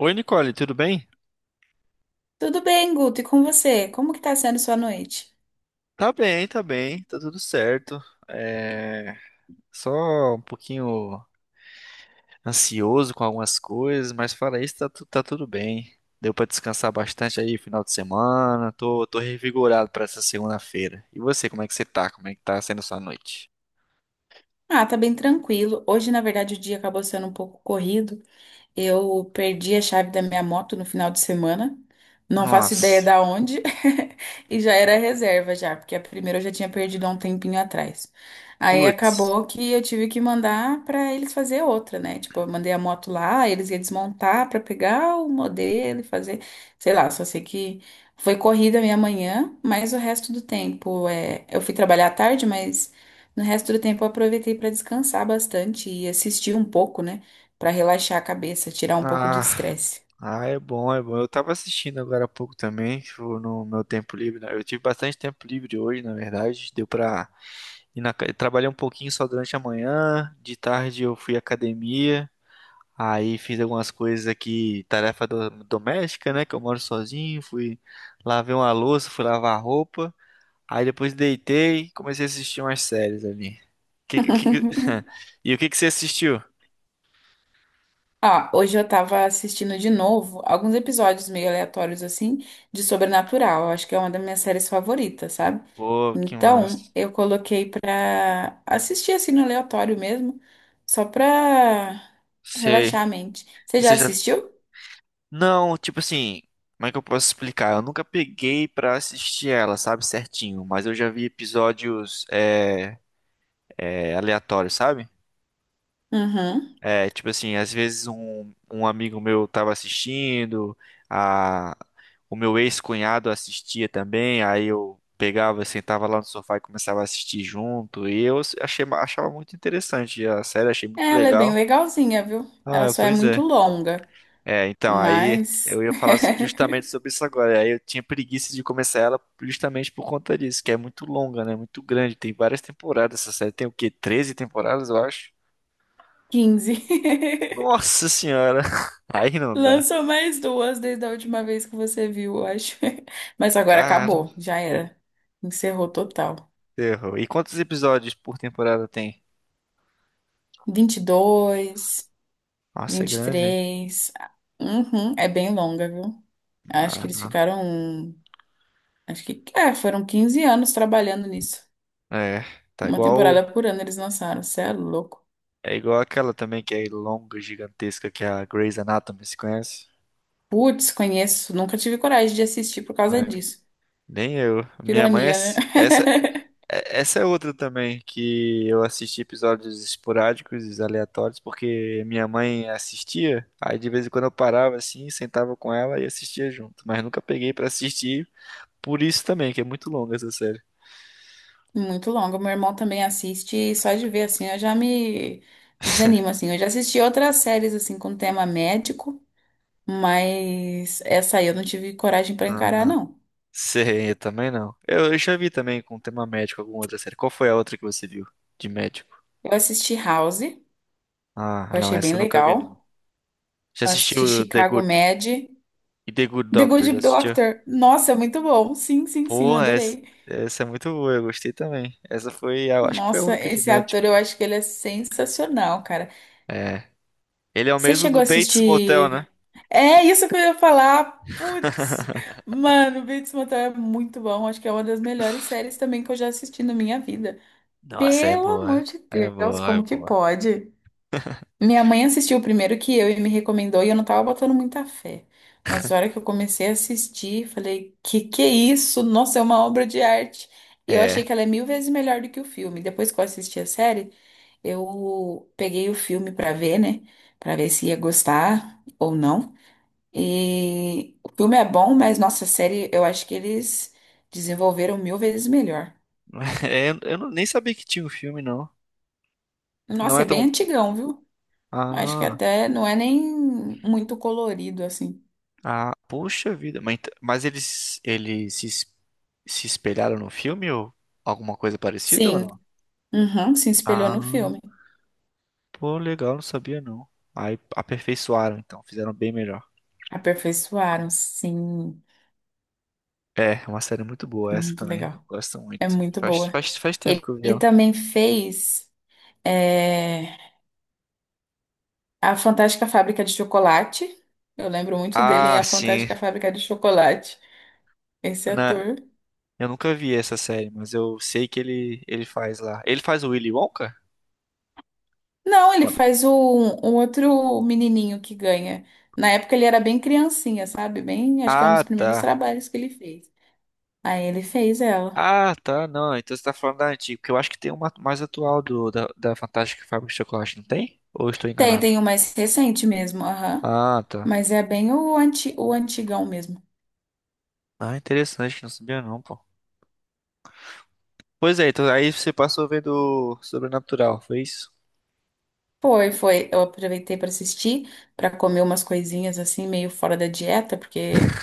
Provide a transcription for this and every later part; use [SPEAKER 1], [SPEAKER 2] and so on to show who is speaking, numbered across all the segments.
[SPEAKER 1] Oi, Nicole, tudo bem?
[SPEAKER 2] Tudo bem, Guto? E com você? Como que tá sendo sua noite?
[SPEAKER 1] Tá bem, tá bem, tá tudo certo. É... Só um pouquinho ansioso com algumas coisas, mas fora isso, tá, tá tudo bem. Deu pra descansar bastante aí final de semana, tô revigorado pra essa segunda-feira. E você, como é que você tá? Como é que tá sendo sua noite?
[SPEAKER 2] Ah, tá bem tranquilo. Hoje, na verdade, o dia acabou sendo um pouco corrido. Eu perdi a chave da minha moto no final de semana. Não faço ideia
[SPEAKER 1] Nossa,
[SPEAKER 2] da onde. E já era reserva já, porque a primeira eu já tinha perdido há um tempinho atrás. Aí
[SPEAKER 1] putz.
[SPEAKER 2] acabou que eu tive que mandar pra eles fazer outra, né? Tipo, eu mandei a moto lá, eles iam desmontar pra pegar o modelo e fazer, sei lá, só sei que foi corrida a minha manhã, mas o resto do tempo eu fui trabalhar à tarde, mas no resto do tempo eu aproveitei pra descansar bastante e assistir um pouco, né? Para relaxar a cabeça, tirar um pouco do
[SPEAKER 1] Ah,
[SPEAKER 2] estresse.
[SPEAKER 1] é bom, é bom. Eu tava assistindo agora há pouco também, tipo, no meu tempo livre, né? Eu tive bastante tempo livre hoje, na verdade. Deu pra trabalhei um pouquinho só durante a manhã. De tarde eu fui à academia. Aí fiz algumas coisas aqui, tarefa doméstica, né? Que eu moro sozinho. Fui lavar uma louça, fui lavar roupa. Aí depois deitei e comecei a assistir umas séries ali. Que- que- que- E o que que você assistiu?
[SPEAKER 2] Ah, hoje eu tava assistindo de novo alguns episódios meio aleatórios assim de Sobrenatural. Eu acho que é uma das minhas séries favoritas, sabe?
[SPEAKER 1] Pô, que
[SPEAKER 2] Então,
[SPEAKER 1] massa.
[SPEAKER 2] eu coloquei pra assistir assim no aleatório mesmo, só pra
[SPEAKER 1] Sei.
[SPEAKER 2] relaxar a mente. Você já
[SPEAKER 1] Você já.
[SPEAKER 2] assistiu?
[SPEAKER 1] Não, tipo assim. Como é que eu posso explicar? Eu nunca peguei pra assistir ela, sabe, certinho. Mas eu já vi episódios aleatórios, sabe?
[SPEAKER 2] Uhum.
[SPEAKER 1] É, tipo assim, às vezes um amigo meu tava assistindo, a, o meu ex-cunhado assistia também, aí eu pegava, sentava lá no sofá e começava a assistir junto, e eu achei, achava muito interessante a série, achei
[SPEAKER 2] É,
[SPEAKER 1] muito
[SPEAKER 2] ela é
[SPEAKER 1] legal.
[SPEAKER 2] bem legalzinha, viu? Ela
[SPEAKER 1] Ah,
[SPEAKER 2] só é
[SPEAKER 1] pois
[SPEAKER 2] muito
[SPEAKER 1] é.
[SPEAKER 2] longa,
[SPEAKER 1] É, então, aí
[SPEAKER 2] mas
[SPEAKER 1] eu ia falar justamente sobre isso agora, aí eu tinha preguiça de começar ela justamente por conta disso, que é muito longa, né, muito grande, tem várias temporadas essa série, tem o quê? 13 temporadas, eu acho?
[SPEAKER 2] 15.
[SPEAKER 1] Nossa senhora, aí não dá.
[SPEAKER 2] Lançou mais duas desde a última vez que você viu, eu acho. Mas agora
[SPEAKER 1] Cara,
[SPEAKER 2] acabou, já era. Encerrou total.
[SPEAKER 1] errou. E quantos episódios por temporada tem?
[SPEAKER 2] 22,
[SPEAKER 1] Nossa, é grande.
[SPEAKER 2] 23. Uhum, é bem longa, viu? Acho que
[SPEAKER 1] Ah,
[SPEAKER 2] eles
[SPEAKER 1] não.
[SPEAKER 2] ficaram. Um, Acho que foram 15 anos trabalhando nisso.
[SPEAKER 1] É, tá
[SPEAKER 2] Uma
[SPEAKER 1] igual.
[SPEAKER 2] temporada por ano eles lançaram. Você é louco.
[SPEAKER 1] É igual aquela também que é longa, gigantesca, que é a Grey's Anatomy, se conhece?
[SPEAKER 2] Putz, conheço. Nunca tive coragem de assistir por causa
[SPEAKER 1] É,
[SPEAKER 2] disso.
[SPEAKER 1] nem eu. Minha mãe, é
[SPEAKER 2] Ironia, né?
[SPEAKER 1] s- essa, é- essa é outra também, que eu assisti episódios esporádicos, aleatórios, porque minha mãe assistia, aí de vez em quando eu parava assim, sentava com ela e assistia junto, mas nunca peguei pra assistir, por isso também, que é muito longa essa série.
[SPEAKER 2] Muito longo. Meu irmão também assiste e só de ver assim eu já me desanimo assim. Eu já assisti outras séries assim com tema médico, mas essa aí eu não tive coragem pra encarar
[SPEAKER 1] Ah,
[SPEAKER 2] não.
[SPEAKER 1] sei, eu também não. Eu já vi também com tema médico alguma outra série. Qual foi a outra que você viu de médico?
[SPEAKER 2] Eu assisti House, que
[SPEAKER 1] Ah,
[SPEAKER 2] eu
[SPEAKER 1] não,
[SPEAKER 2] achei bem
[SPEAKER 1] essa eu nunca vi, não.
[SPEAKER 2] legal.
[SPEAKER 1] Já
[SPEAKER 2] Eu assisti
[SPEAKER 1] assistiu The
[SPEAKER 2] Chicago
[SPEAKER 1] Good,
[SPEAKER 2] Med,
[SPEAKER 1] e The Good
[SPEAKER 2] The
[SPEAKER 1] Doctor, já
[SPEAKER 2] Good
[SPEAKER 1] assistiu?
[SPEAKER 2] Doctor. Nossa, é muito bom. Sim, sim, sim, eu
[SPEAKER 1] Pô, essa,
[SPEAKER 2] adorei.
[SPEAKER 1] essa é muito boa, eu gostei também. Essa foi, eu acho que foi a
[SPEAKER 2] Nossa,
[SPEAKER 1] única de
[SPEAKER 2] esse
[SPEAKER 1] médico.
[SPEAKER 2] ator eu acho que ele é sensacional, cara.
[SPEAKER 1] É. Ele é o
[SPEAKER 2] Você
[SPEAKER 1] mesmo
[SPEAKER 2] chegou
[SPEAKER 1] do
[SPEAKER 2] a
[SPEAKER 1] Bates Motel,
[SPEAKER 2] assistir
[SPEAKER 1] né?
[SPEAKER 2] é isso que eu ia falar. Putz, mano, Bates Motel é muito bom. Acho que é uma das melhores séries também que eu já assisti na minha vida.
[SPEAKER 1] Nossa, é
[SPEAKER 2] Pelo amor
[SPEAKER 1] boa.
[SPEAKER 2] de
[SPEAKER 1] É
[SPEAKER 2] Deus,
[SPEAKER 1] boa, é
[SPEAKER 2] como que
[SPEAKER 1] boa.
[SPEAKER 2] pode? Minha mãe assistiu o primeiro que eu e me recomendou e eu não tava botando muita fé. Mas na hora que eu comecei a assistir, falei, que é isso? Nossa, é uma obra de arte. E eu
[SPEAKER 1] É.
[SPEAKER 2] achei que ela é mil vezes melhor do que o filme. Depois que eu assisti a série, eu peguei o filme pra ver, né? Pra ver se ia gostar ou não. E o filme é bom, mas nossa, a série eu acho que eles desenvolveram mil vezes melhor.
[SPEAKER 1] Eu não- Nem sabia que tinha um filme, não. Não
[SPEAKER 2] Nossa,
[SPEAKER 1] é
[SPEAKER 2] é bem
[SPEAKER 1] tão.
[SPEAKER 2] antigão, viu? Acho que
[SPEAKER 1] Ah.
[SPEAKER 2] até não é nem muito colorido assim.
[SPEAKER 1] Ah, puxa vida. Mas, mas eles se espelharam no filme ou alguma coisa parecida ou
[SPEAKER 2] Sim,
[SPEAKER 1] não?
[SPEAKER 2] uhum, se espelhou no
[SPEAKER 1] Ah,
[SPEAKER 2] filme.
[SPEAKER 1] pô, legal, não sabia não. Aí aperfeiçoaram, então, fizeram bem melhor.
[SPEAKER 2] Aperfeiçoaram, sim.
[SPEAKER 1] É uma série muito boa essa
[SPEAKER 2] Muito
[SPEAKER 1] também. Eu
[SPEAKER 2] legal.
[SPEAKER 1] gosto
[SPEAKER 2] É
[SPEAKER 1] muito.
[SPEAKER 2] muito
[SPEAKER 1] Faz,
[SPEAKER 2] boa.
[SPEAKER 1] faz, faz tempo
[SPEAKER 2] Ele,
[SPEAKER 1] que eu vi
[SPEAKER 2] ele
[SPEAKER 1] ela.
[SPEAKER 2] também fez é, A Fantástica Fábrica de Chocolate. Eu lembro muito dele em
[SPEAKER 1] Ah,
[SPEAKER 2] A
[SPEAKER 1] sim.
[SPEAKER 2] Fantástica Fábrica de Chocolate, esse
[SPEAKER 1] Na,
[SPEAKER 2] ator.
[SPEAKER 1] eu nunca vi essa série, mas eu sei que ele faz lá. Ele faz o Willy Wonka?
[SPEAKER 2] Não, ele
[SPEAKER 1] Mano.
[SPEAKER 2] faz o, um outro menininho que ganha. Na época ele era bem criancinha, sabe? Bem, acho que é um dos
[SPEAKER 1] Ah,
[SPEAKER 2] primeiros
[SPEAKER 1] tá.
[SPEAKER 2] trabalhos que ele fez. Aí ele fez ela.
[SPEAKER 1] Ah, tá, não. Então você tá falando da antiga, porque eu acho que tem uma mais atual da Fantástica Fábrica de Chocolate, não tem? Ou eu estou
[SPEAKER 2] Tem,
[SPEAKER 1] enganado?
[SPEAKER 2] tem um mais recente mesmo, aham.
[SPEAKER 1] Ah, tá.
[SPEAKER 2] Mas é bem o, anti, o antigão mesmo.
[SPEAKER 1] Ah, interessante, não sabia não, pô. Pois é, então aí você passou vendo Sobrenatural, foi isso?
[SPEAKER 2] Foi, foi. Eu aproveitei para assistir, para comer umas coisinhas assim, meio fora da dieta, porque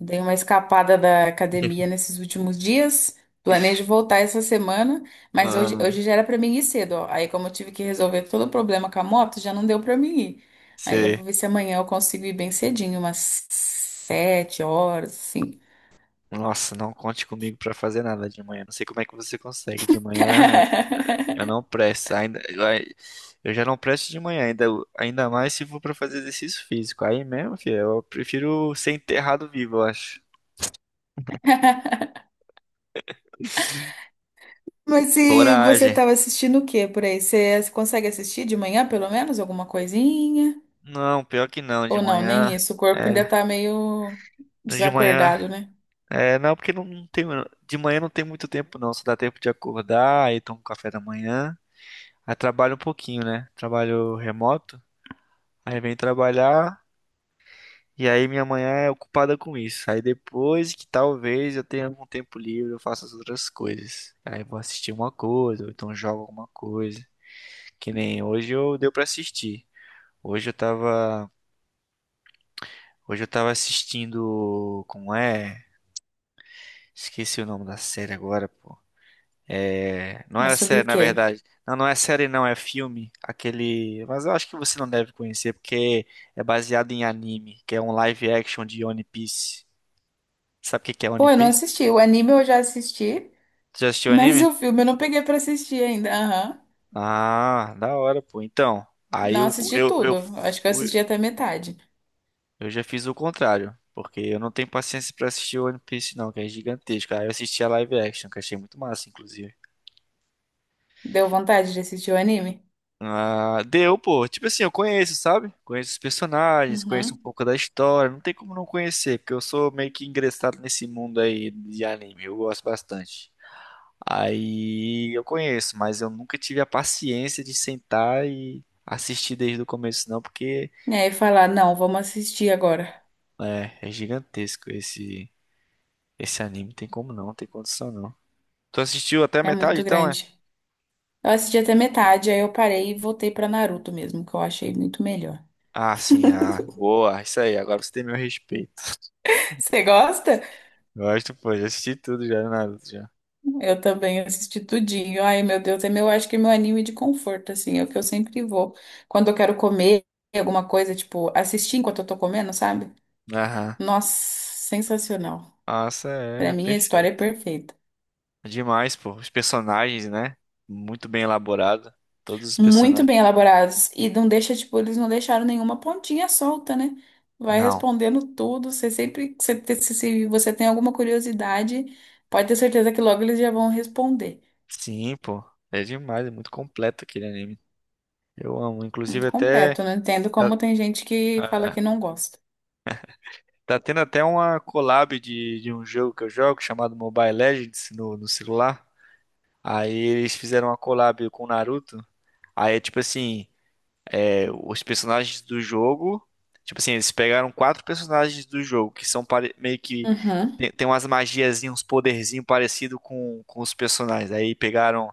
[SPEAKER 2] dei uma escapada da academia nesses últimos dias. Planejo voltar essa semana, mas hoje,
[SPEAKER 1] Ah,
[SPEAKER 2] hoje já era para mim ir cedo, ó. Aí, como eu tive que resolver todo o problema com a moto, já não deu para mim ir. Aí, eu
[SPEAKER 1] você...
[SPEAKER 2] vou ver se amanhã eu consigo ir bem cedinho, umas 7 horas, assim.
[SPEAKER 1] Nossa, não conte comigo pra fazer nada de manhã. Não sei como é que você consegue. De manhã eu não presto. Ai, eu já não presto de manhã, ainda mais se for pra fazer exercício físico. Aí mesmo, filho, eu prefiro ser enterrado vivo, eu acho.
[SPEAKER 2] Mas se você
[SPEAKER 1] Coragem.
[SPEAKER 2] estava assistindo o quê por aí? Você consegue assistir de manhã, pelo menos, alguma coisinha?
[SPEAKER 1] Não, pior que não, de
[SPEAKER 2] Ou não,
[SPEAKER 1] manhã.
[SPEAKER 2] nem isso. O corpo
[SPEAKER 1] É,
[SPEAKER 2] ainda tá meio
[SPEAKER 1] de manhã.
[SPEAKER 2] desacordado, né?
[SPEAKER 1] É, não, porque não tem. De manhã não tem muito tempo, não. Só dá tempo de acordar, aí tomo café da manhã. Aí trabalho um pouquinho, né? Trabalho remoto. Aí vem trabalhar. E aí minha manhã é ocupada com isso. Aí depois que talvez eu tenha algum tempo livre, eu faço as outras coisas. Aí vou assistir uma coisa, ou então jogo alguma coisa. Que nem hoje eu deu pra assistir. Hoje eu tava. Hoje eu tava assistindo. Como é? Esqueci o nome da série agora, pô. É, não
[SPEAKER 2] É
[SPEAKER 1] é
[SPEAKER 2] sobre
[SPEAKER 1] série,
[SPEAKER 2] o
[SPEAKER 1] na
[SPEAKER 2] quê?
[SPEAKER 1] verdade. Não, não é série, não, é filme. Aquele. Mas eu acho que você não deve conhecer, porque é baseado em anime, que é um live action de One Piece. Sabe o que que é One
[SPEAKER 2] Pô, eu não
[SPEAKER 1] Piece?
[SPEAKER 2] assisti. O anime eu já assisti,
[SPEAKER 1] Já assistiu
[SPEAKER 2] mas
[SPEAKER 1] anime?
[SPEAKER 2] o filme eu não peguei pra assistir ainda. Aham.
[SPEAKER 1] Ah, da hora, pô. Então, aí
[SPEAKER 2] Não assisti tudo. Acho que eu assisti até metade.
[SPEAKER 1] eu já fiz o contrário, porque eu não tenho paciência pra assistir One Piece, não, que é gigantesco. Aí eu assisti a live action, que achei muito massa, inclusive.
[SPEAKER 2] Deu vontade de assistir o anime?
[SPEAKER 1] Ah, deu, pô. Tipo assim, eu conheço, sabe? Conheço os personagens, conheço um
[SPEAKER 2] Uhum.
[SPEAKER 1] pouco da história. Não tem como não conhecer, porque eu sou meio que ingressado nesse mundo aí de anime. Eu gosto bastante. Aí eu conheço, mas eu nunca tive a paciência de sentar e assistir desde o começo, não, porque
[SPEAKER 2] E aí falar, não, vamos assistir agora.
[SPEAKER 1] é gigantesco esse anime. Não tem como não, não tem condição não. Tu assistiu até a
[SPEAKER 2] É
[SPEAKER 1] metade,
[SPEAKER 2] muito
[SPEAKER 1] então é?
[SPEAKER 2] grande. Eu assisti até metade, aí eu parei e voltei pra Naruto mesmo, que eu achei muito melhor.
[SPEAKER 1] Ah, sim, ah, boa, isso aí. Agora você tem meu respeito.
[SPEAKER 2] Você gosta?
[SPEAKER 1] Gosto, pô, já assisti tudo já, Naruto já.
[SPEAKER 2] Eu também assisti tudinho. Ai, meu Deus, é meu, acho que é meu anime de conforto, assim, é o que eu sempre vou. Quando eu quero comer alguma coisa, tipo, assistir enquanto eu tô comendo, sabe?
[SPEAKER 1] Aham.
[SPEAKER 2] Nossa, sensacional.
[SPEAKER 1] Nossa,
[SPEAKER 2] Pra
[SPEAKER 1] é
[SPEAKER 2] mim, a história é
[SPEAKER 1] perfeito.
[SPEAKER 2] perfeita.
[SPEAKER 1] Demais, pô. Os personagens, né? Muito bem elaborado. Todos os
[SPEAKER 2] Muito
[SPEAKER 1] personagens.
[SPEAKER 2] bem elaborados. E não deixa, tipo, eles não deixaram nenhuma pontinha solta, né? Vai
[SPEAKER 1] Não.
[SPEAKER 2] respondendo tudo. Você sempre, você te- se você tem alguma curiosidade, pode ter certeza que logo eles já vão responder.
[SPEAKER 1] Sim, pô. É demais, é muito completo aquele anime. Eu amo. Inclusive
[SPEAKER 2] Muito
[SPEAKER 1] até
[SPEAKER 2] completo. Não entendo
[SPEAKER 1] tá,
[SPEAKER 2] como tem gente que fala
[SPEAKER 1] ah,
[SPEAKER 2] que não gosta.
[SPEAKER 1] tá tendo até uma collab de um jogo que eu jogo chamado Mobile Legends no celular. Aí eles fizeram uma collab com o Naruto. Aí é tipo assim, é, os personagens do jogo. Tipo assim, eles pegaram quatro personagens do jogo que são meio que.
[SPEAKER 2] Uhum.
[SPEAKER 1] Tem umas magiazinhas, uns poderzinhos parecidos com os personagens. Aí pegaram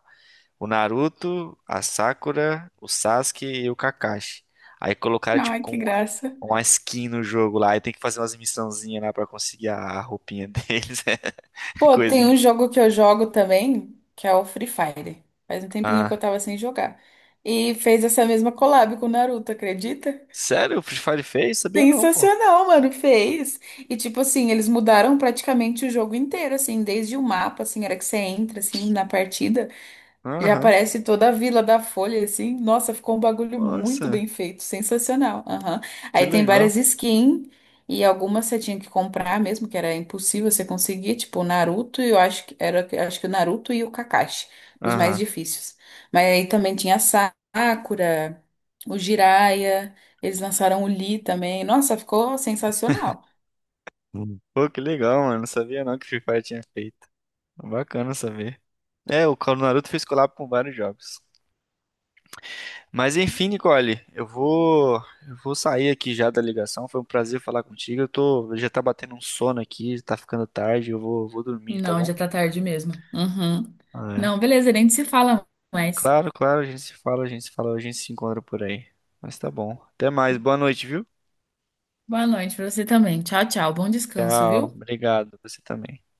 [SPEAKER 1] o Naruto, a Sakura, o Sasuke e o Kakashi. Aí colocaram, tipo,
[SPEAKER 2] Ai, que
[SPEAKER 1] como
[SPEAKER 2] graça.
[SPEAKER 1] uma skin no jogo lá. Aí tem que fazer umas missãozinhas lá pra conseguir a roupinha deles.
[SPEAKER 2] Pô, tem
[SPEAKER 1] Coisinha.
[SPEAKER 2] um jogo que eu jogo também, que é o Free Fire. Faz um tempinho que eu
[SPEAKER 1] Ah.
[SPEAKER 2] tava sem jogar. E fez essa mesma collab com o Naruto, acredita?
[SPEAKER 1] Sério? O Free Fire fez? Sabia não, pô.
[SPEAKER 2] Sensacional, mano, fez. E tipo assim, eles mudaram praticamente o jogo inteiro, assim, desde o mapa, assim, era que você entra assim na partida. E
[SPEAKER 1] Aham.
[SPEAKER 2] aparece toda a Vila da Folha, assim. Nossa, ficou um bagulho muito
[SPEAKER 1] Nossa,
[SPEAKER 2] bem feito, sensacional. Aham.
[SPEAKER 1] que
[SPEAKER 2] Aí tem
[SPEAKER 1] legal.
[SPEAKER 2] várias skins e algumas você tinha que comprar mesmo, que era impossível você conseguir, tipo o Naruto e eu acho que era, acho que o Naruto e o Kakashi, os mais
[SPEAKER 1] Aham.
[SPEAKER 2] difíceis. Mas aí também tinha a Sakura, o Jiraiya, eles lançaram o Lee também. Nossa, ficou sensacional.
[SPEAKER 1] Hum. Pô, que legal, mano. Não sabia não que Free Fire tinha feito. Bacana saber. É, o Call do Naruto fez collab com vários jogos. Mas enfim, Nicole, eu vou sair aqui já da ligação. Foi um prazer falar contigo. Eu tô, já tá batendo um sono aqui, tá ficando tarde. Eu vou dormir, tá
[SPEAKER 2] Não,
[SPEAKER 1] bom?
[SPEAKER 2] já tá tarde mesmo. Uhum.
[SPEAKER 1] É.
[SPEAKER 2] Não, beleza, nem se fala mais.
[SPEAKER 1] Claro, claro, a gente se fala, a gente se fala, a gente se encontra por aí. Mas tá bom. Até mais. Boa noite, viu?
[SPEAKER 2] Boa noite pra você também. Tchau, tchau. Bom descanso,
[SPEAKER 1] Tchau.
[SPEAKER 2] viu?
[SPEAKER 1] Obrigado. Você também.